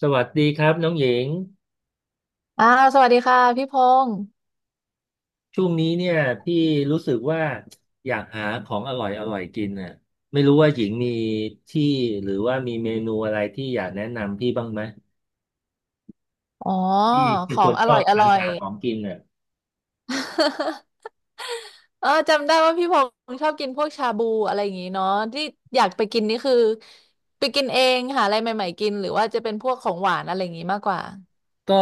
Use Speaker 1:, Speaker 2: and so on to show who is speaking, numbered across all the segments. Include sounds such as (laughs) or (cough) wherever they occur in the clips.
Speaker 1: สวัสดีครับน้องหญิง
Speaker 2: อ้าวสวัสดีค่ะพี่พงศ์
Speaker 1: ช่วงนี้เนี่ยพี่รู้สึกว่าอยากหาของอร่อยอร่อยกินน่ะไม่รู้ว่าหญิงมีที่หรือว่ามีเมนูอะไรที่อยากแนะนำพี่บ้างไหม
Speaker 2: อ๋อ
Speaker 1: พี่เป็
Speaker 2: ข
Speaker 1: น
Speaker 2: อ
Speaker 1: ค
Speaker 2: ง
Speaker 1: น
Speaker 2: อ
Speaker 1: ช
Speaker 2: ร่
Speaker 1: อ
Speaker 2: อย
Speaker 1: บ
Speaker 2: อ
Speaker 1: สรร
Speaker 2: ร่อย
Speaker 1: หาของกินน่ะ
Speaker 2: (laughs) เออจำได้ว่าพี่พงศ์ชอบกินพวกชาบูอะไรอย่างงี้เนาะที่อยากไปกินนี่คือไปกินเองหาอะไรใหม่ๆกินหรือว่าจะเป็นพวกของหวานอะไรอย่างงี้มากกว่า
Speaker 1: ก็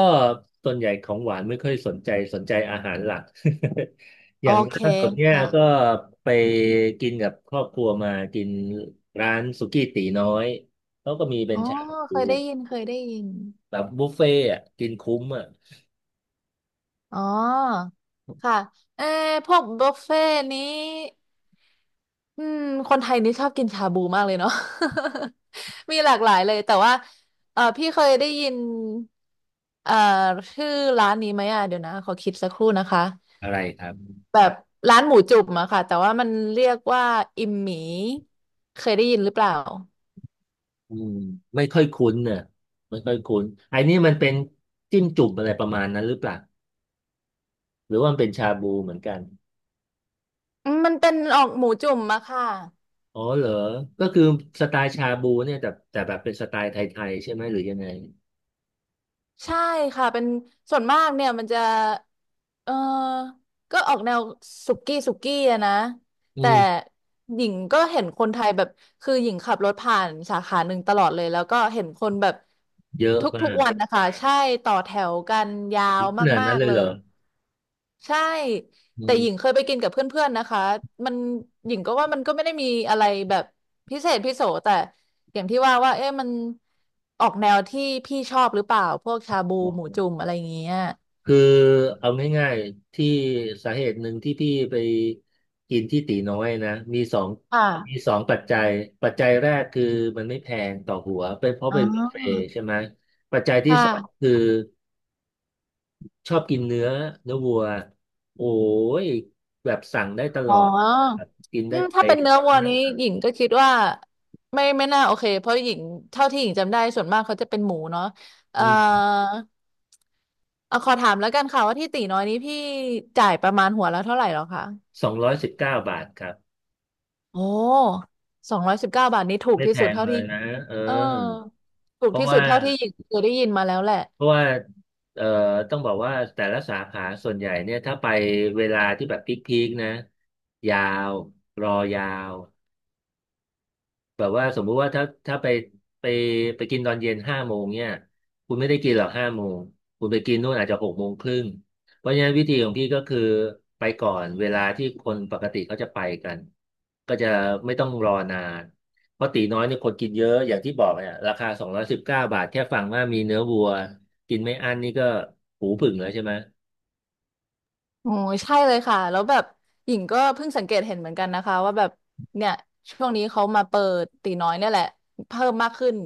Speaker 1: ส่วนใหญ่ของหวานไม่ค่อยสนใจสนใจอาหารหลัก (laughs) อ
Speaker 2: โอ
Speaker 1: ย่าง
Speaker 2: เค
Speaker 1: ล่าสุดเนี่ยก็
Speaker 2: ค่ะ
Speaker 1: ไปกินกับครอบครัวมากินร้านสุกี้ตี๋น้อยเขาก็มีเป็
Speaker 2: อ๋
Speaker 1: น
Speaker 2: อ
Speaker 1: ชาบู
Speaker 2: เคยได้ยินเคยได้ยิน
Speaker 1: แบบบุฟเฟ่ต์อะกินคุ้มอ่ะ
Speaker 2: อ๋อค่ะเออพวกบุฟเฟ่ต์นี้ อืมคนไทยนี่ชอบกินชาบูมากเลยเนาะ (laughs) มีหลากหลายเลยแต่ว่าเออพี่เคยได้ยินเอ่อชื่อร้านนี้ไหมอ่ะเดี๋ยวนะขอคิดสักครู่นะคะ
Speaker 1: อะไรครับ
Speaker 2: แบบร้านหมูจุ่มอะค่ะแต่ว่ามันเรียกว่าอิมหมีเคยได้ยินหรือเปล่า
Speaker 1: อืมไม่ค่อยคุ้นเนี่ยไม่ค่อยคุ้นไอ้นี่มันเป็นจิ้มจุ่มอะไรประมาณนั้นหรือเปล่าหรือว่ามันเป็นชาบูเหมือนกัน
Speaker 2: อืมมันเป็นออกหมูจุ่มอะค่ะ
Speaker 1: อ๋อเหรอก็คือสไตล์ชาบูเนี่ยแต่แบบเป็นสไตล์ไทยๆใช่ไหมหรือยังไง
Speaker 2: ใช่ค่ะเป็นส่วนมากเนี่ยมันจะเออก็ออกแนวสุกี้สุกี้อะนะ
Speaker 1: อื
Speaker 2: แต่
Speaker 1: ม
Speaker 2: หญิงก็เห็นคนไทยแบบคือหญิงขับรถผ่านสาขาหนึ่งตลอดเลยแล้วก็เห็นคนแบบ
Speaker 1: เยอะ
Speaker 2: ท
Speaker 1: มา
Speaker 2: ุก
Speaker 1: ก
Speaker 2: ๆวันนะคะใช่ต่อแถวกันยาว
Speaker 1: ขนาด
Speaker 2: มา
Speaker 1: นั้น
Speaker 2: ก
Speaker 1: เล
Speaker 2: ๆ
Speaker 1: ย
Speaker 2: เล
Speaker 1: เหรอ
Speaker 2: ยใช่
Speaker 1: อื
Speaker 2: แต่ห
Speaker 1: ม
Speaker 2: ญิงเคยไปกินกับเพื่อนๆนะคะมันหญิงก็ว่ามันก็ไม่ได้มีอะไรแบบพิเศษพิโสแต่อย่างที่ว่าว่าเอ๊ะมันออกแนวที่พี่ชอบหรือเปล่าพวกชาบูหมูจุ่มอะไรอย่างเงี้ย
Speaker 1: คือเอาง่ายๆที่สาเหตุหนึ่งที่พี่ไปกินที่ตีน้อยนะมีสอง
Speaker 2: ค่ะ
Speaker 1: มีสองปัจจัยปัจจัยแรกคือมันไม่แพงต่อหัวเป็นเพราะ
Speaker 2: อ๋
Speaker 1: เป็นบุฟเฟ่
Speaker 2: อ
Speaker 1: ต์ใช่ไหมปัจจัย
Speaker 2: ค
Speaker 1: ที่สอง
Speaker 2: ่ะ
Speaker 1: คือ ชอบกินเนื้อเนื้อวัวโอ้ย แบบสั่งได้ตล
Speaker 2: อ๋
Speaker 1: อดครั
Speaker 2: อ
Speaker 1: บกิน
Speaker 2: อื
Speaker 1: ได้
Speaker 2: ม
Speaker 1: ไป
Speaker 2: ถ้าเป็นเนื้อวัวนี้หญิงก็คิดว่าไม่น่าโอเคเพราะหญิงเท่าที่หญิงจำได้ส่วนมากเขาจะเป็นหมูเนาะเอ่อ
Speaker 1: นี่
Speaker 2: เอาขอถามแล้วกันค่ะว่าที่ตีน้อยนี้พี่จ่ายประมาณหัวละเท่าไหร่หรอคะ
Speaker 1: สองร้อยสิบเก้าบาทครับ
Speaker 2: โอ้219 บาทนี้ถูก
Speaker 1: ไม่
Speaker 2: ที่
Speaker 1: แพ
Speaker 2: สุด
Speaker 1: ง
Speaker 2: เท่า
Speaker 1: เล
Speaker 2: ที่
Speaker 1: ยนะเอ
Speaker 2: เออ
Speaker 1: อ
Speaker 2: ถู
Speaker 1: เพ
Speaker 2: ก
Speaker 1: ราะ
Speaker 2: ที่สุ
Speaker 1: ว่า
Speaker 2: ดเท่าที่หญิงเคยได้ยินมาแล้วแหละ
Speaker 1: เพราะว่าเอ่อต้องบอกว่าแต่ละสาขาส่วนใหญ่เนี่ยถ้าไปเวลาที่แบบพีคๆนะ ยาว รอยาว แบบว่าสมมุติว่าถ้าไปไปกินตอนเย็นห้าโมงเนี่ยคุณไม่ได้กินหรอกห้าโมงคุณไปกินนู่นอาจจะ6 โมงครึ่งเพราะฉะนั้นวิธีของพี่ก็คือไปก่อนเวลาที่คนปกติเขาจะไปกันก็จะไม่ต้องรอนานเพราะตีน้อยนี่คนกินเยอะอย่างที่บอกเนี่ยราคาสองร้อยสิบเก้าบาทแค่ฟังว่ามีเนื้อวัวกินไม่อั้นนี่ก็หูผึ่งแล้วใช่ไหม
Speaker 2: โอ้ยใช่เลยค่ะแล้วแบบหญิงก็เพิ่งสังเกตเห็นเหมือนกันนะคะว่าแบบเนี่ยช่วงนี้เขามาเปิดตีน้อยเนี่ยแหละเพิ่มมากขึ้น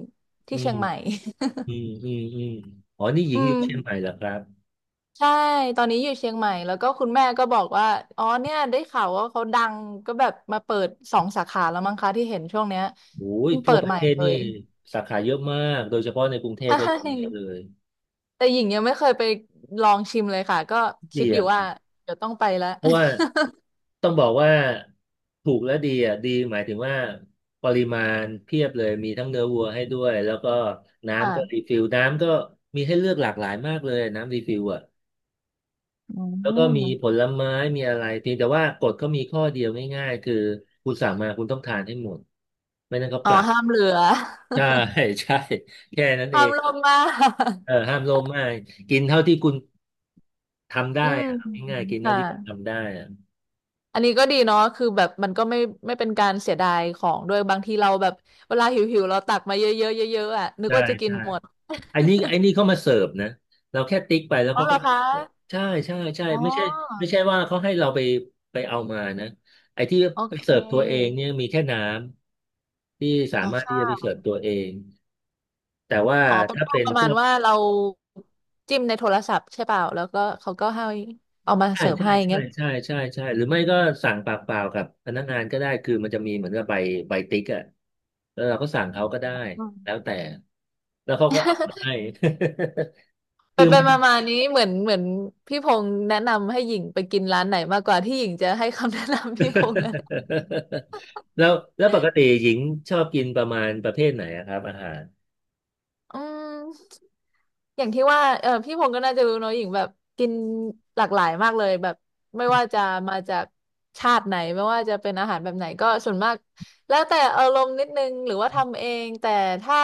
Speaker 1: อื
Speaker 2: ที่เชีย
Speaker 1: ม
Speaker 2: งใหม่
Speaker 1: อืมอืมอืมอ๋อนี่ห
Speaker 2: (laughs)
Speaker 1: ญิ
Speaker 2: อื
Speaker 1: งอยู่
Speaker 2: ม
Speaker 1: เชียงใหม่เหรอครับ
Speaker 2: ใช่ตอนนี้อยู่เชียงใหม่แล้วก็คุณแม่ก็บอกว่าอ๋อเนี่ยได้ข่าวว่าเขาดังก็แบบมาเปิดสองสาขาแล้วมั้งคะที่เห็นช่วงเนี้ย
Speaker 1: โอ้ย
Speaker 2: เพิ่งเปิ
Speaker 1: ทั่ว
Speaker 2: ด
Speaker 1: ประ
Speaker 2: ใหม่
Speaker 1: เทศ
Speaker 2: เล
Speaker 1: นี่
Speaker 2: ย
Speaker 1: สาขาเยอะมากโดยเฉพาะในกรุงเทพก็
Speaker 2: (laughs)
Speaker 1: เยอะเล
Speaker 2: ใช่
Speaker 1: ย
Speaker 2: แต่หญิงยังไม่เคยไปลองชิมเลยค่ะก็คิ
Speaker 1: ดี
Speaker 2: ดอยู่
Speaker 1: อะค
Speaker 2: ว่า
Speaker 1: รับ
Speaker 2: เดี๋ยวต้องไปแล้ว
Speaker 1: เพราะว่า
Speaker 2: (laughs)
Speaker 1: ต้องบอกว่าถูกและดีอะดีหมายถึงว่าปริมาณเพียบเลยมีทั้งเนื้อวัวให้ด้วยแล้วก็น้ำก็รี
Speaker 2: ค่ะ
Speaker 1: ฟิลน้ำก็มีให้เลือกหลากหลายมากเลยน้ำรีฟิลอะ
Speaker 2: อื
Speaker 1: แล้วก็มีผ
Speaker 2: ม
Speaker 1: ลไม้มีอะไรเพียงแต่ว่ากฎเขามีข้อเดียวง่ายๆคือคุณสั่งมาคุณต้องทานให้หมดไม่นั้นเขา
Speaker 2: อ๋
Speaker 1: ป
Speaker 2: อ
Speaker 1: รับ
Speaker 2: ห้ามเหลือ
Speaker 1: ใช่
Speaker 2: (laughs)
Speaker 1: (laughs) ใช่แค่นั้นเอ
Speaker 2: ห้าม
Speaker 1: ง
Speaker 2: ลงมาก
Speaker 1: เออห้ามโลภมากกินเท่าที่คุณ ทำ
Speaker 2: อื
Speaker 1: ได้
Speaker 2: ม
Speaker 1: อะง่ายๆกินเท่า
Speaker 2: ค่ะ
Speaker 1: ที่ทำได้อะ
Speaker 2: อันนี้ก็ดีเนาะคือแบบมันก็ไม่เป็นการเสียดายของด้วยบางทีเราแบบเวลาหิวหิวเราตักมาเยอะๆเยอะๆอ่ะนึก
Speaker 1: ใช่
Speaker 2: ว่าจะกิน
Speaker 1: ใช่
Speaker 2: หมด
Speaker 1: ไอ้นี่เขามาเสิร์ฟนะเราแค่ติ๊กไปแล้ว
Speaker 2: อ๋อ
Speaker 1: เขา
Speaker 2: เหร
Speaker 1: ก็
Speaker 2: อ
Speaker 1: มา
Speaker 2: คะ
Speaker 1: เสิร์ฟใช่ใช่ใช่
Speaker 2: อ๋
Speaker 1: ไม่ใช่ไม่
Speaker 2: อ
Speaker 1: ใช่ว่าเขาให้เราไปไปเอามานะไอ้ที่
Speaker 2: โอ
Speaker 1: ไป
Speaker 2: เค
Speaker 1: เสิร์ฟตัวเองเนี่ยมีแค่น้ำที่สา
Speaker 2: อ๋อ
Speaker 1: มารถที่จะไป
Speaker 2: ค่ะ
Speaker 1: เสิร์ฟตัวเองแต่ว่า
Speaker 2: อ๋อเป็น
Speaker 1: ถ้า
Speaker 2: พวก
Speaker 1: เป็น
Speaker 2: ประ
Speaker 1: พ
Speaker 2: มาณ
Speaker 1: วก
Speaker 2: ว่าเราจิ้มในโทรศัพท์ใช่เปล่าแล้วก็เขาก็ให้เอามา
Speaker 1: ใช่
Speaker 2: เสิร์ฟ
Speaker 1: ใช่
Speaker 2: ให้
Speaker 1: ใช่
Speaker 2: เงี้ย
Speaker 1: ใช่ใช่ใช่หรือไม่ก็สั่งปากเปล่ากับพนักงานก็ได้คือมันจะมีเหมือนกับใบติ๊กอะแล้วเราก็สั่งเขาก็ได้
Speaker 2: อื
Speaker 1: แล้ว
Speaker 2: ม
Speaker 1: แต่แล้วเขาก็เอามาให้ (laughs)
Speaker 2: ไป
Speaker 1: คือ
Speaker 2: ไป
Speaker 1: มัน
Speaker 2: มามานี้เหมือนพี่พงษ์แนะนำให้หญิงไปกินร้านไหนมากกว่าที่หญิงจะให้คำ (laughs) แนะนำพี่พงษ์นะ
Speaker 1: (laughs) แล้วปกติหญิงชอบกินประมาณประเภทไหนอะครับอาหาร
Speaker 2: อืม อย่างที่ว่าเออพี่พงศ์ก็น่าจะรู้เนอะหญิงแบบกินหลากหลายมากเลยแบบไม่ว่าจะมาจากชาติไหนไม่ว่าจะเป็นอาหารแบบไหนก็ส่วนมากแล้วแต่อารมณ์นิดนึงหรือว่าทำเองแต่ถ้า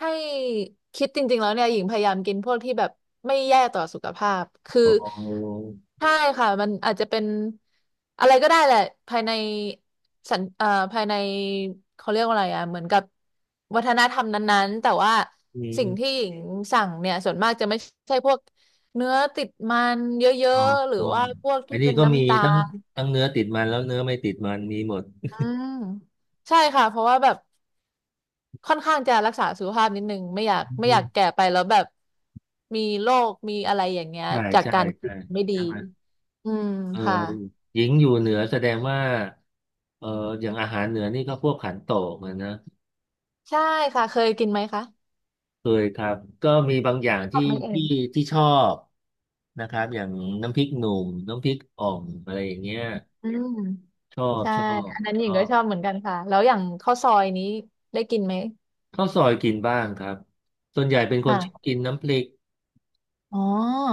Speaker 2: ให้คิดจริงๆแล้วเนี่ยหญิงพยายามกินพวกที่แบบไม่แย่ต่อสุขภาพคือ
Speaker 1: อ๋อ
Speaker 2: ใช่ค่ะมันอาจจะเป็นอะไรก็ได้แหละภายใน สัญเอ่อภายในเขาเรียกว่าอะไรอ่ะเหมือนกับวัฒนธรรมนั้นๆ แต่ว่า
Speaker 1: มี
Speaker 2: สิ่งที่หญิงสั่งเนี่ยส่วนมากจะไม่ใช่พวกเนื้อติดมันเย
Speaker 1: อ๋อ
Speaker 2: อะๆ หรือ
Speaker 1: อ๋อ
Speaker 2: ว่าพวก
Speaker 1: ไอ้
Speaker 2: ที่
Speaker 1: นนี่
Speaker 2: เป็น
Speaker 1: ก็มี
Speaker 2: น้ำตา
Speaker 1: ทั้ง
Speaker 2: ล
Speaker 1: ทั้งเนื้อติดมันแล้วเนื้อไม่ติดมันมีหมด
Speaker 2: อืมใช่ค่ะ เพราะว่าแบบค่อนข้างจะรักษาสุขภาพนิดนึงไม่อยากไม่อ
Speaker 1: อื
Speaker 2: ยากแก่
Speaker 1: ม
Speaker 2: ไปแล้วแบบมีโรคมีอะไรอย่างเงี้ย
Speaker 1: ใช่
Speaker 2: จาก
Speaker 1: ใช่
Speaker 2: การกิ
Speaker 1: ใช่
Speaker 2: นไม่ดี
Speaker 1: ใช่ไหม
Speaker 2: อืม
Speaker 1: เออ
Speaker 2: ค่ะ
Speaker 1: หญิงอยู่เหนือแสดงว่าเอออย่างอาหารเหนือนี่ก็พวกขันโตกเหมือนนะ
Speaker 2: ใช่ค่ะ เคยกินไหมคะ
Speaker 1: เคยครับก็มีบางอย่าง
Speaker 2: ชอ
Speaker 1: ที่
Speaker 2: บไหมเอ่ย
Speaker 1: ที่ชอบนะครับอย่างน้ำพริกหนุ่มน้ำพริกอ่อมอะไรอย่างเงี้ย
Speaker 2: อืม
Speaker 1: ชอบ
Speaker 2: ใช่
Speaker 1: ชอบ
Speaker 2: อันนั้นห
Speaker 1: ช
Speaker 2: ญิง
Speaker 1: อ
Speaker 2: ก็
Speaker 1: บ
Speaker 2: ชอบเหมือนกันค่ะ แล้วอย่างข้าวซอยนี้ได้กินไหม
Speaker 1: ข้าวซอยกินบ้างครับส่วนใหญ่เป็นคนชอบ
Speaker 2: ค่ะ
Speaker 1: กินน้ำพริก
Speaker 2: อ๋อ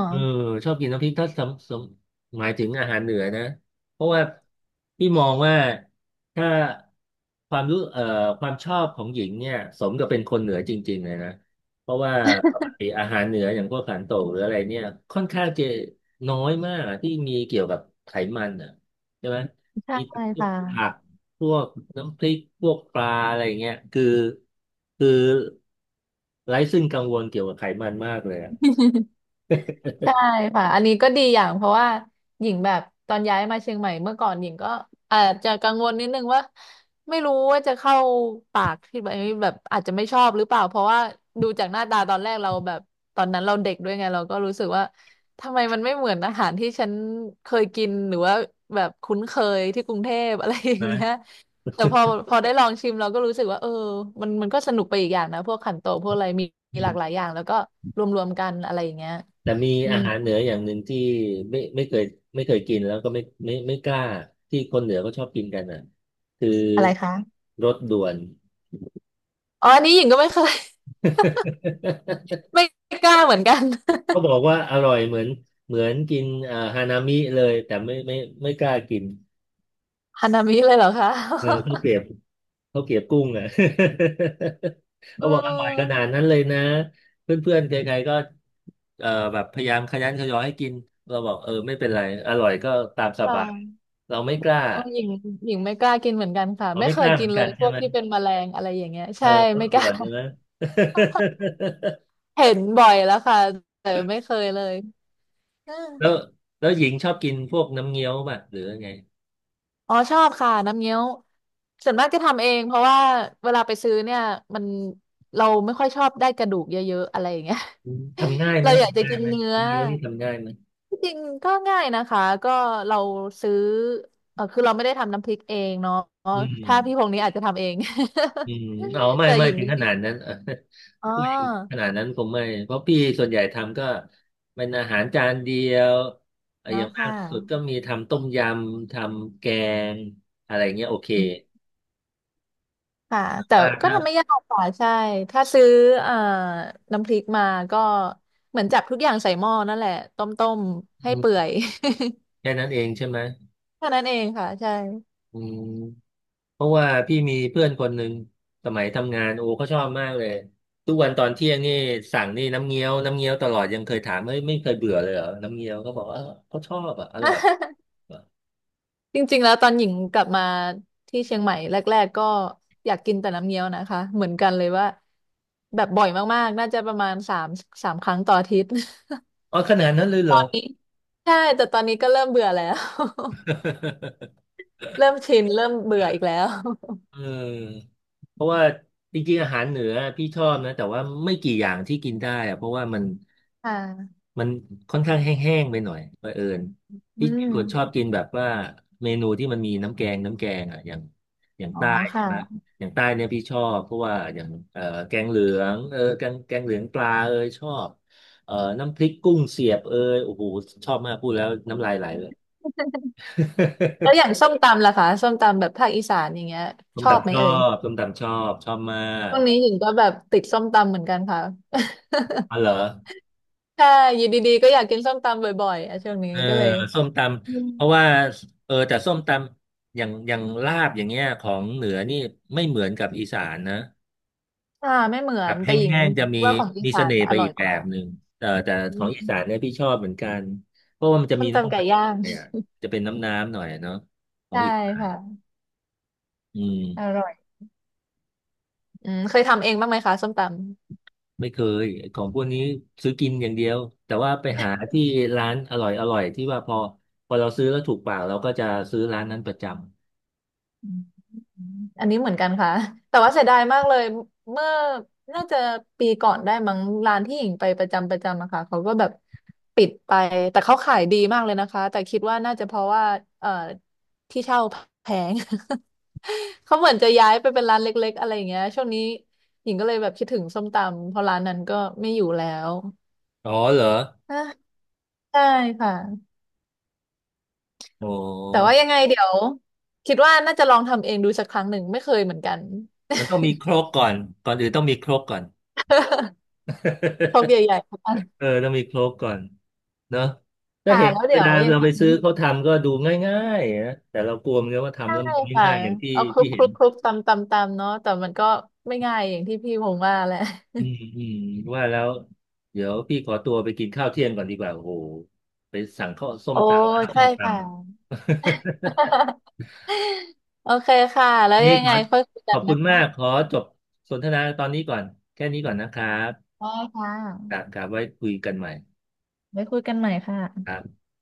Speaker 1: เออชอบกินน้ำพริกถ้าหมายถึงอาหารเหนือนะเพราะว่าพี่มองว่าถ้าความรู้เอ่อความชอบของหญิงเนี่ยสมกับเป็นคนเหนือจริงๆเลยนะเพราะว่าปกติอาหารเหนืออย่างพวกขันโตกหรืออะไรเนี่ยค่อนข้างจะน้อยมากอะที่มีเกี่ยวกับไขมันอ่ะใช่ไหม
Speaker 2: ใช
Speaker 1: มีแต่
Speaker 2: ่
Speaker 1: พวก
Speaker 2: ค่ะ
Speaker 1: ผักพวกน้ำพริกพวกปลาอะไรเงี้ยคือคือไร้ซึ่งกังวลเกี่ยวกับไขมันมากเลยอะ
Speaker 2: ใช่ค่ะอันนี้ก็ดีอย่างเพราะว่าหญิงแบบตอนย้ายมาเชียงใหม่เมื่อก่อนหญิงก็อาจจะกังวลนิดนึงว่าไม่รู้ว่าจะเข้าปากที่แบบแบบอาจจะไม่ชอบหรือเปล่าเพราะว่าดูจากหน้าตาตอนแรกเราแบบตอนนั้นเราเด็กด้วยไงเราก็รู้สึกว่าทำไมมันไม่เหมือนอาหารที่ฉันเคยกินหรือว่าแบบคุ้นเคยที่กรุงเทพอะไรอย่างเงี้ย
Speaker 1: นะ
Speaker 2: แต่พอได้ลองชิมเราก็รู้สึกว่าเออมันก็สนุกไปอีกอย่างนะพวกขันโตกพวกอะไรมีหลากหลายอย่างแล้วก็รวมๆกันอะไรอย่างเงี้ย
Speaker 1: แต่มี
Speaker 2: อื
Speaker 1: อา
Speaker 2: ม
Speaker 1: หารเหนืออย่างหนึ่งที่ไม่ไม่เคยไม่เคยกินแล้วก็ไม่กล้าที่คนเหนือก็ชอบกินกันอ่ะคือ
Speaker 2: อะไรคะ
Speaker 1: รสด่วน
Speaker 2: อ๋ออันนี้หญิงก็ไม่เคย (laughs) ไม่กล้าเหมือนกัน
Speaker 1: (laughs)
Speaker 2: (laughs)
Speaker 1: ก็บอกว่าอร่อยเหมือนกินอ่าฮานามิเลยแต่ไม่กล้ากิน
Speaker 2: ฮานามิเลยเหรอคะ
Speaker 1: เออข้าวเกรียบข้าวเกรียบกุ้งอ่ะ (laughs)
Speaker 2: (laughs)
Speaker 1: เขาบอกอร่อยข
Speaker 2: เอ
Speaker 1: นา
Speaker 2: อ
Speaker 1: ดนั้นเลยนะเพื่อนๆใครๆก็แบบพยายามขยันขยอให้กินเราบอกเออไม่เป็นไรอร่อยก็ตามสบาย
Speaker 2: ค่ะ
Speaker 1: เราไม่กล้า
Speaker 2: เออหญิงหญิงไม่กล้ากินเหมือนกันค่ะ
Speaker 1: เรา
Speaker 2: ไม่
Speaker 1: ไม่
Speaker 2: เค
Speaker 1: ก
Speaker 2: ย
Speaker 1: ล้าเห
Speaker 2: กิ
Speaker 1: มือ
Speaker 2: น
Speaker 1: น
Speaker 2: เล
Speaker 1: กั
Speaker 2: ย
Speaker 1: น
Speaker 2: พ
Speaker 1: ใช่
Speaker 2: วก
Speaker 1: ไหม
Speaker 2: ที่เป็นแมลงอะไรอย่างเงี้ย
Speaker 1: เออ
Speaker 2: ใช่
Speaker 1: รส
Speaker 2: ไม่ก
Speaker 1: ด่
Speaker 2: ล้า
Speaker 1: วนใช่ไหม
Speaker 2: (laughs)
Speaker 1: (laughs)
Speaker 2: เห็นบ่อยแล้วค่ะแต่ไม่เคยเลยเออ
Speaker 1: แล้วแล้วหญิงชอบกินพวกน้ำเงี้ยวป่ะหรือไง
Speaker 2: อ๋อชอบค่ะน้ำเงี้ยวส่วนมากจะทำเองเพราะว่าเวลาไปซื้อเนี่ยมันเราไม่ค่อยชอบได้กระดูกเยอะๆอะไรอย่างเงี้ย
Speaker 1: อืมทำง่าย
Speaker 2: (laughs)
Speaker 1: ไหม
Speaker 2: เราอยากจะ
Speaker 1: ทำง่าย
Speaker 2: กิน
Speaker 1: ไหม
Speaker 2: เนื้อ
Speaker 1: น้ำเงี้ยวนี่ทำง่ายไหม
Speaker 2: ที่จริงก็ง่ายนะคะก็เราซื้อเออคือเราไม่ได้ทำน้ำพริกเองเนาะ
Speaker 1: อื
Speaker 2: ถ้าพี่พ
Speaker 1: ม
Speaker 2: งษ์นี้อาจจะทำเอง
Speaker 1: อืมเอา
Speaker 2: (laughs)
Speaker 1: ไม่
Speaker 2: แต่
Speaker 1: ไม่
Speaker 2: อย่าง
Speaker 1: ถึง
Speaker 2: นี้
Speaker 1: ขนาดนั้น (laughs) เออ
Speaker 2: อ๋อ
Speaker 1: ผู้หญิงขนาดนั้นคงไม่เพราะพี่ส่วนใหญ่ทำก็เป็นอาหารจานเดียวเออ
Speaker 2: อ๋อ
Speaker 1: อย่างมา
Speaker 2: ค่ะ
Speaker 1: กสุดก็มีทำต้มยำทำแกงอะไรเงี้ยโอเค
Speaker 2: อืมค่ะแต่
Speaker 1: ว่า
Speaker 2: ก็
Speaker 1: ถ้า
Speaker 2: ทำไม่ยากค่ะใช่ถ้าซื้อเอ่อน้ำพริกมาก็เหมือนจับทุกอย่างใส่หม้อนั่นแหละต้มๆให้
Speaker 1: อื
Speaker 2: เปื่อ
Speaker 1: ม
Speaker 2: ย
Speaker 1: แค่นั้นเองใช่ไหม
Speaker 2: (laughs) แค่านั้นเองค่ะใช่
Speaker 1: อืม เพราะว่าพี่มีเพื่อนคนหนึ่งสมัยทำงานโอ้เขาชอบมากเลยทุกวันตอนเที่ยงนี่สั่งนี่น้ำเงี้ยวตลอดยังเคยถามไม่เคยเบื่อเลยเหรอน้ำเงี้ยวเขาบอกว่าเออเขาชอบอ่ะอร่อย
Speaker 2: (laughs) จริงๆ แล้วตอนหญิงกลับมาที่เชียงใหม่แรกๆก็อยากกินแต่น้ำเงี้ยวนะคะเหมือนกันเลยว่าแบบบ่อยมากๆน่าจะประมาณสามครั้งต่ออาทิตย์
Speaker 1: อ๋อขนาดนั้นเลย
Speaker 2: (laughs)
Speaker 1: เห
Speaker 2: ต
Speaker 1: ร
Speaker 2: อ
Speaker 1: อ
Speaker 2: นนี้ใช่แต่ตอนนี้ก็เริ่มเบื่อแล้ว (laughs) เริ่มชินเริ่มเบื่ออีกแล้ว
Speaker 1: (laughs) เออเพราะว่าจริงๆอาหารเหนือพี่ชอบนะแต่ว่าไม่กี่อย่างที่กินได้อะเพราะว่ามัน
Speaker 2: ค่ะ
Speaker 1: มันค่อนข้างแห้งๆไปหน่อยบังเอิญ
Speaker 2: อื
Speaker 1: พี่คนชอบ
Speaker 2: ม
Speaker 1: กินแบบว่าเมนูที่มันมีน้ำแกงอ่ะอย่าง
Speaker 2: อ๋อ
Speaker 1: ใต้ใช่
Speaker 2: ค่ะ
Speaker 1: ไหมอย่างใต้เนี่ยพี่ชอบเพราะว่าอย่างแกงเหลืองเออแกงเหลืองปลาเอยชอบเอ่อน้ำพริกกุ้งเสียบเอยโอ้โหชอบมากพูดแล้วน้ำลายไหลเลย
Speaker 2: แล้วอย่างส้มตำล่ะคะส้มตำแบบภาคอีสานอย่างเงี้ย
Speaker 1: (laughs) ส้
Speaker 2: ช
Speaker 1: ม
Speaker 2: อบไห
Speaker 1: ตำ
Speaker 2: ม
Speaker 1: ชอ
Speaker 2: เอ่ย
Speaker 1: บส้มตำชอบมาก
Speaker 2: ช่วงนี้หญิงก็แบบติดส้มตำเหมือนกันค่ะ
Speaker 1: อ๋อเหรอ
Speaker 2: (laughs) ใช่อยู่ดีๆก็อยากกินส้มตำบ่อยๆอ่ะช่วงนี้
Speaker 1: เออ
Speaker 2: ก็เลย
Speaker 1: ส้มตำเพราะว่าเออแต่ส้มตำอย่างลาบอย่างเงี้ยของเหนือนี่ไม่เหมือนกับอีสานนะ
Speaker 2: อ่าไม่เหมือ
Speaker 1: แบ
Speaker 2: น
Speaker 1: บ
Speaker 2: แต่หญิง
Speaker 1: แห้งๆจะมี
Speaker 2: ว่าของอี
Speaker 1: มี
Speaker 2: สา
Speaker 1: เส
Speaker 2: น
Speaker 1: น่ห์
Speaker 2: อ
Speaker 1: ไป
Speaker 2: ร่อ
Speaker 1: อี
Speaker 2: ย
Speaker 1: ก
Speaker 2: ก
Speaker 1: แบ
Speaker 2: ว่า
Speaker 1: บหนึ่งเออแต่
Speaker 2: อื
Speaker 1: ของอีสาน
Speaker 2: ม
Speaker 1: เนี่ยพี่ชอบเหมือนกันเพราะว่ามันจะ
Speaker 2: ส้
Speaker 1: มี
Speaker 2: มตำ
Speaker 1: น้ำ
Speaker 2: ไก่
Speaker 1: น้
Speaker 2: ย่าง
Speaker 1: ำเนี่ยจะเป็นน้ำหน่อยเนาะข
Speaker 2: (laughs)
Speaker 1: อง
Speaker 2: ใช่
Speaker 1: อีสาน
Speaker 2: ค่ะ
Speaker 1: อื
Speaker 2: อ
Speaker 1: ม
Speaker 2: ร่อยอืมเคยทำเองบ้างไหมคะส้มต
Speaker 1: ไม่เคยของพวกนี้ซื้อกินอย่างเดียวแต่ว่าไปหาที่ร้านอร่อยที่ว่าพอเราซื้อแล้วถูกปากเราก็จะซื้อร้านนั้นประจ
Speaker 2: ำ อันนี้เหมือนกันค่ะแต่ว่าเสียดายมากเลยเมื่อน่าจะปีก่อนได้มั้งร้านที่หญิงไปประจำอะค่ะเขาก็แบบปิดไปแต่เขาขายดีมากเลยนะคะแต่คิดว่าน่าจะเพราะว่าเอ่อที่เช่าแพง (laughs) เขาเหมือนจะย้ายไปเป็นร้านเล็กๆอะไรอย่างเงี้ยช่วงนี้หญิงก็เลยแบบคิดถึงส้มตำเพราะร้านนั้นก็ไม่อยู่แล้ว
Speaker 1: ำอ๋อเหรอ
Speaker 2: อ่ะใช่ค่ะ
Speaker 1: โอ
Speaker 2: แต่ว่า
Speaker 1: ้
Speaker 2: ยังไงเดี๋ยวคิดว่าน่าจะลองทำเองดูสักครั้งหนึ่งไม่เคยเหมือนกัน
Speaker 1: มันต้องมีโครกก่อนก่อนอื่นต้องมีโครกก่อน
Speaker 2: (laughs) พกให
Speaker 1: (laughs)
Speaker 2: ญ่ๆ
Speaker 1: เออต้องมีโครกก่อนเนอะก็
Speaker 2: ค่ะ
Speaker 1: เห็น
Speaker 2: แล้ว
Speaker 1: เว
Speaker 2: เดี๋ยว
Speaker 1: ลา
Speaker 2: ยัง
Speaker 1: เรา
Speaker 2: ไง
Speaker 1: ไปซื้อเขาทำก็ดูง่ายๆนะแต่เรากลัวมันว่าทำ
Speaker 2: ใช่
Speaker 1: แล้วมันไม่
Speaker 2: ค่ะ
Speaker 1: ง่ายอย่างที่
Speaker 2: เอาคลุ
Speaker 1: ที่
Speaker 2: กค
Speaker 1: เห็
Speaker 2: ลุ
Speaker 1: น
Speaker 2: กคลุกตำตำตำเนาะแต่มันก็ไม่ง่ายอย่างที่พี่ผมว่าแหละ
Speaker 1: อืมอืมว่าแล้วเดี๋ยวพี่ขอตัวไปกินข้าวเที่ยงก่อนดีกว่าโอ้โหไปสั่งข้าวส้ม
Speaker 2: โอ้
Speaker 1: ตำนะครับ
Speaker 2: ใช่
Speaker 1: ส้มตำ
Speaker 2: ค่ะ (laughs) โอเคค่ะแล้ว
Speaker 1: (laughs) นี่
Speaker 2: ยัง
Speaker 1: ข
Speaker 2: ไง
Speaker 1: อ
Speaker 2: ค่อยคุย
Speaker 1: ข
Speaker 2: กั
Speaker 1: อ
Speaker 2: น
Speaker 1: บคุ
Speaker 2: นะ
Speaker 1: ณมา
Speaker 2: คะ
Speaker 1: กขอจบสนทนาตอนนี้ก่อนแค่นี้ก่อนนะครับ
Speaker 2: ได้ค่ะ
Speaker 1: ครับไว้คุยกันใหม่
Speaker 2: ไว้คุยกันใหม่ค่ะ
Speaker 1: ครับ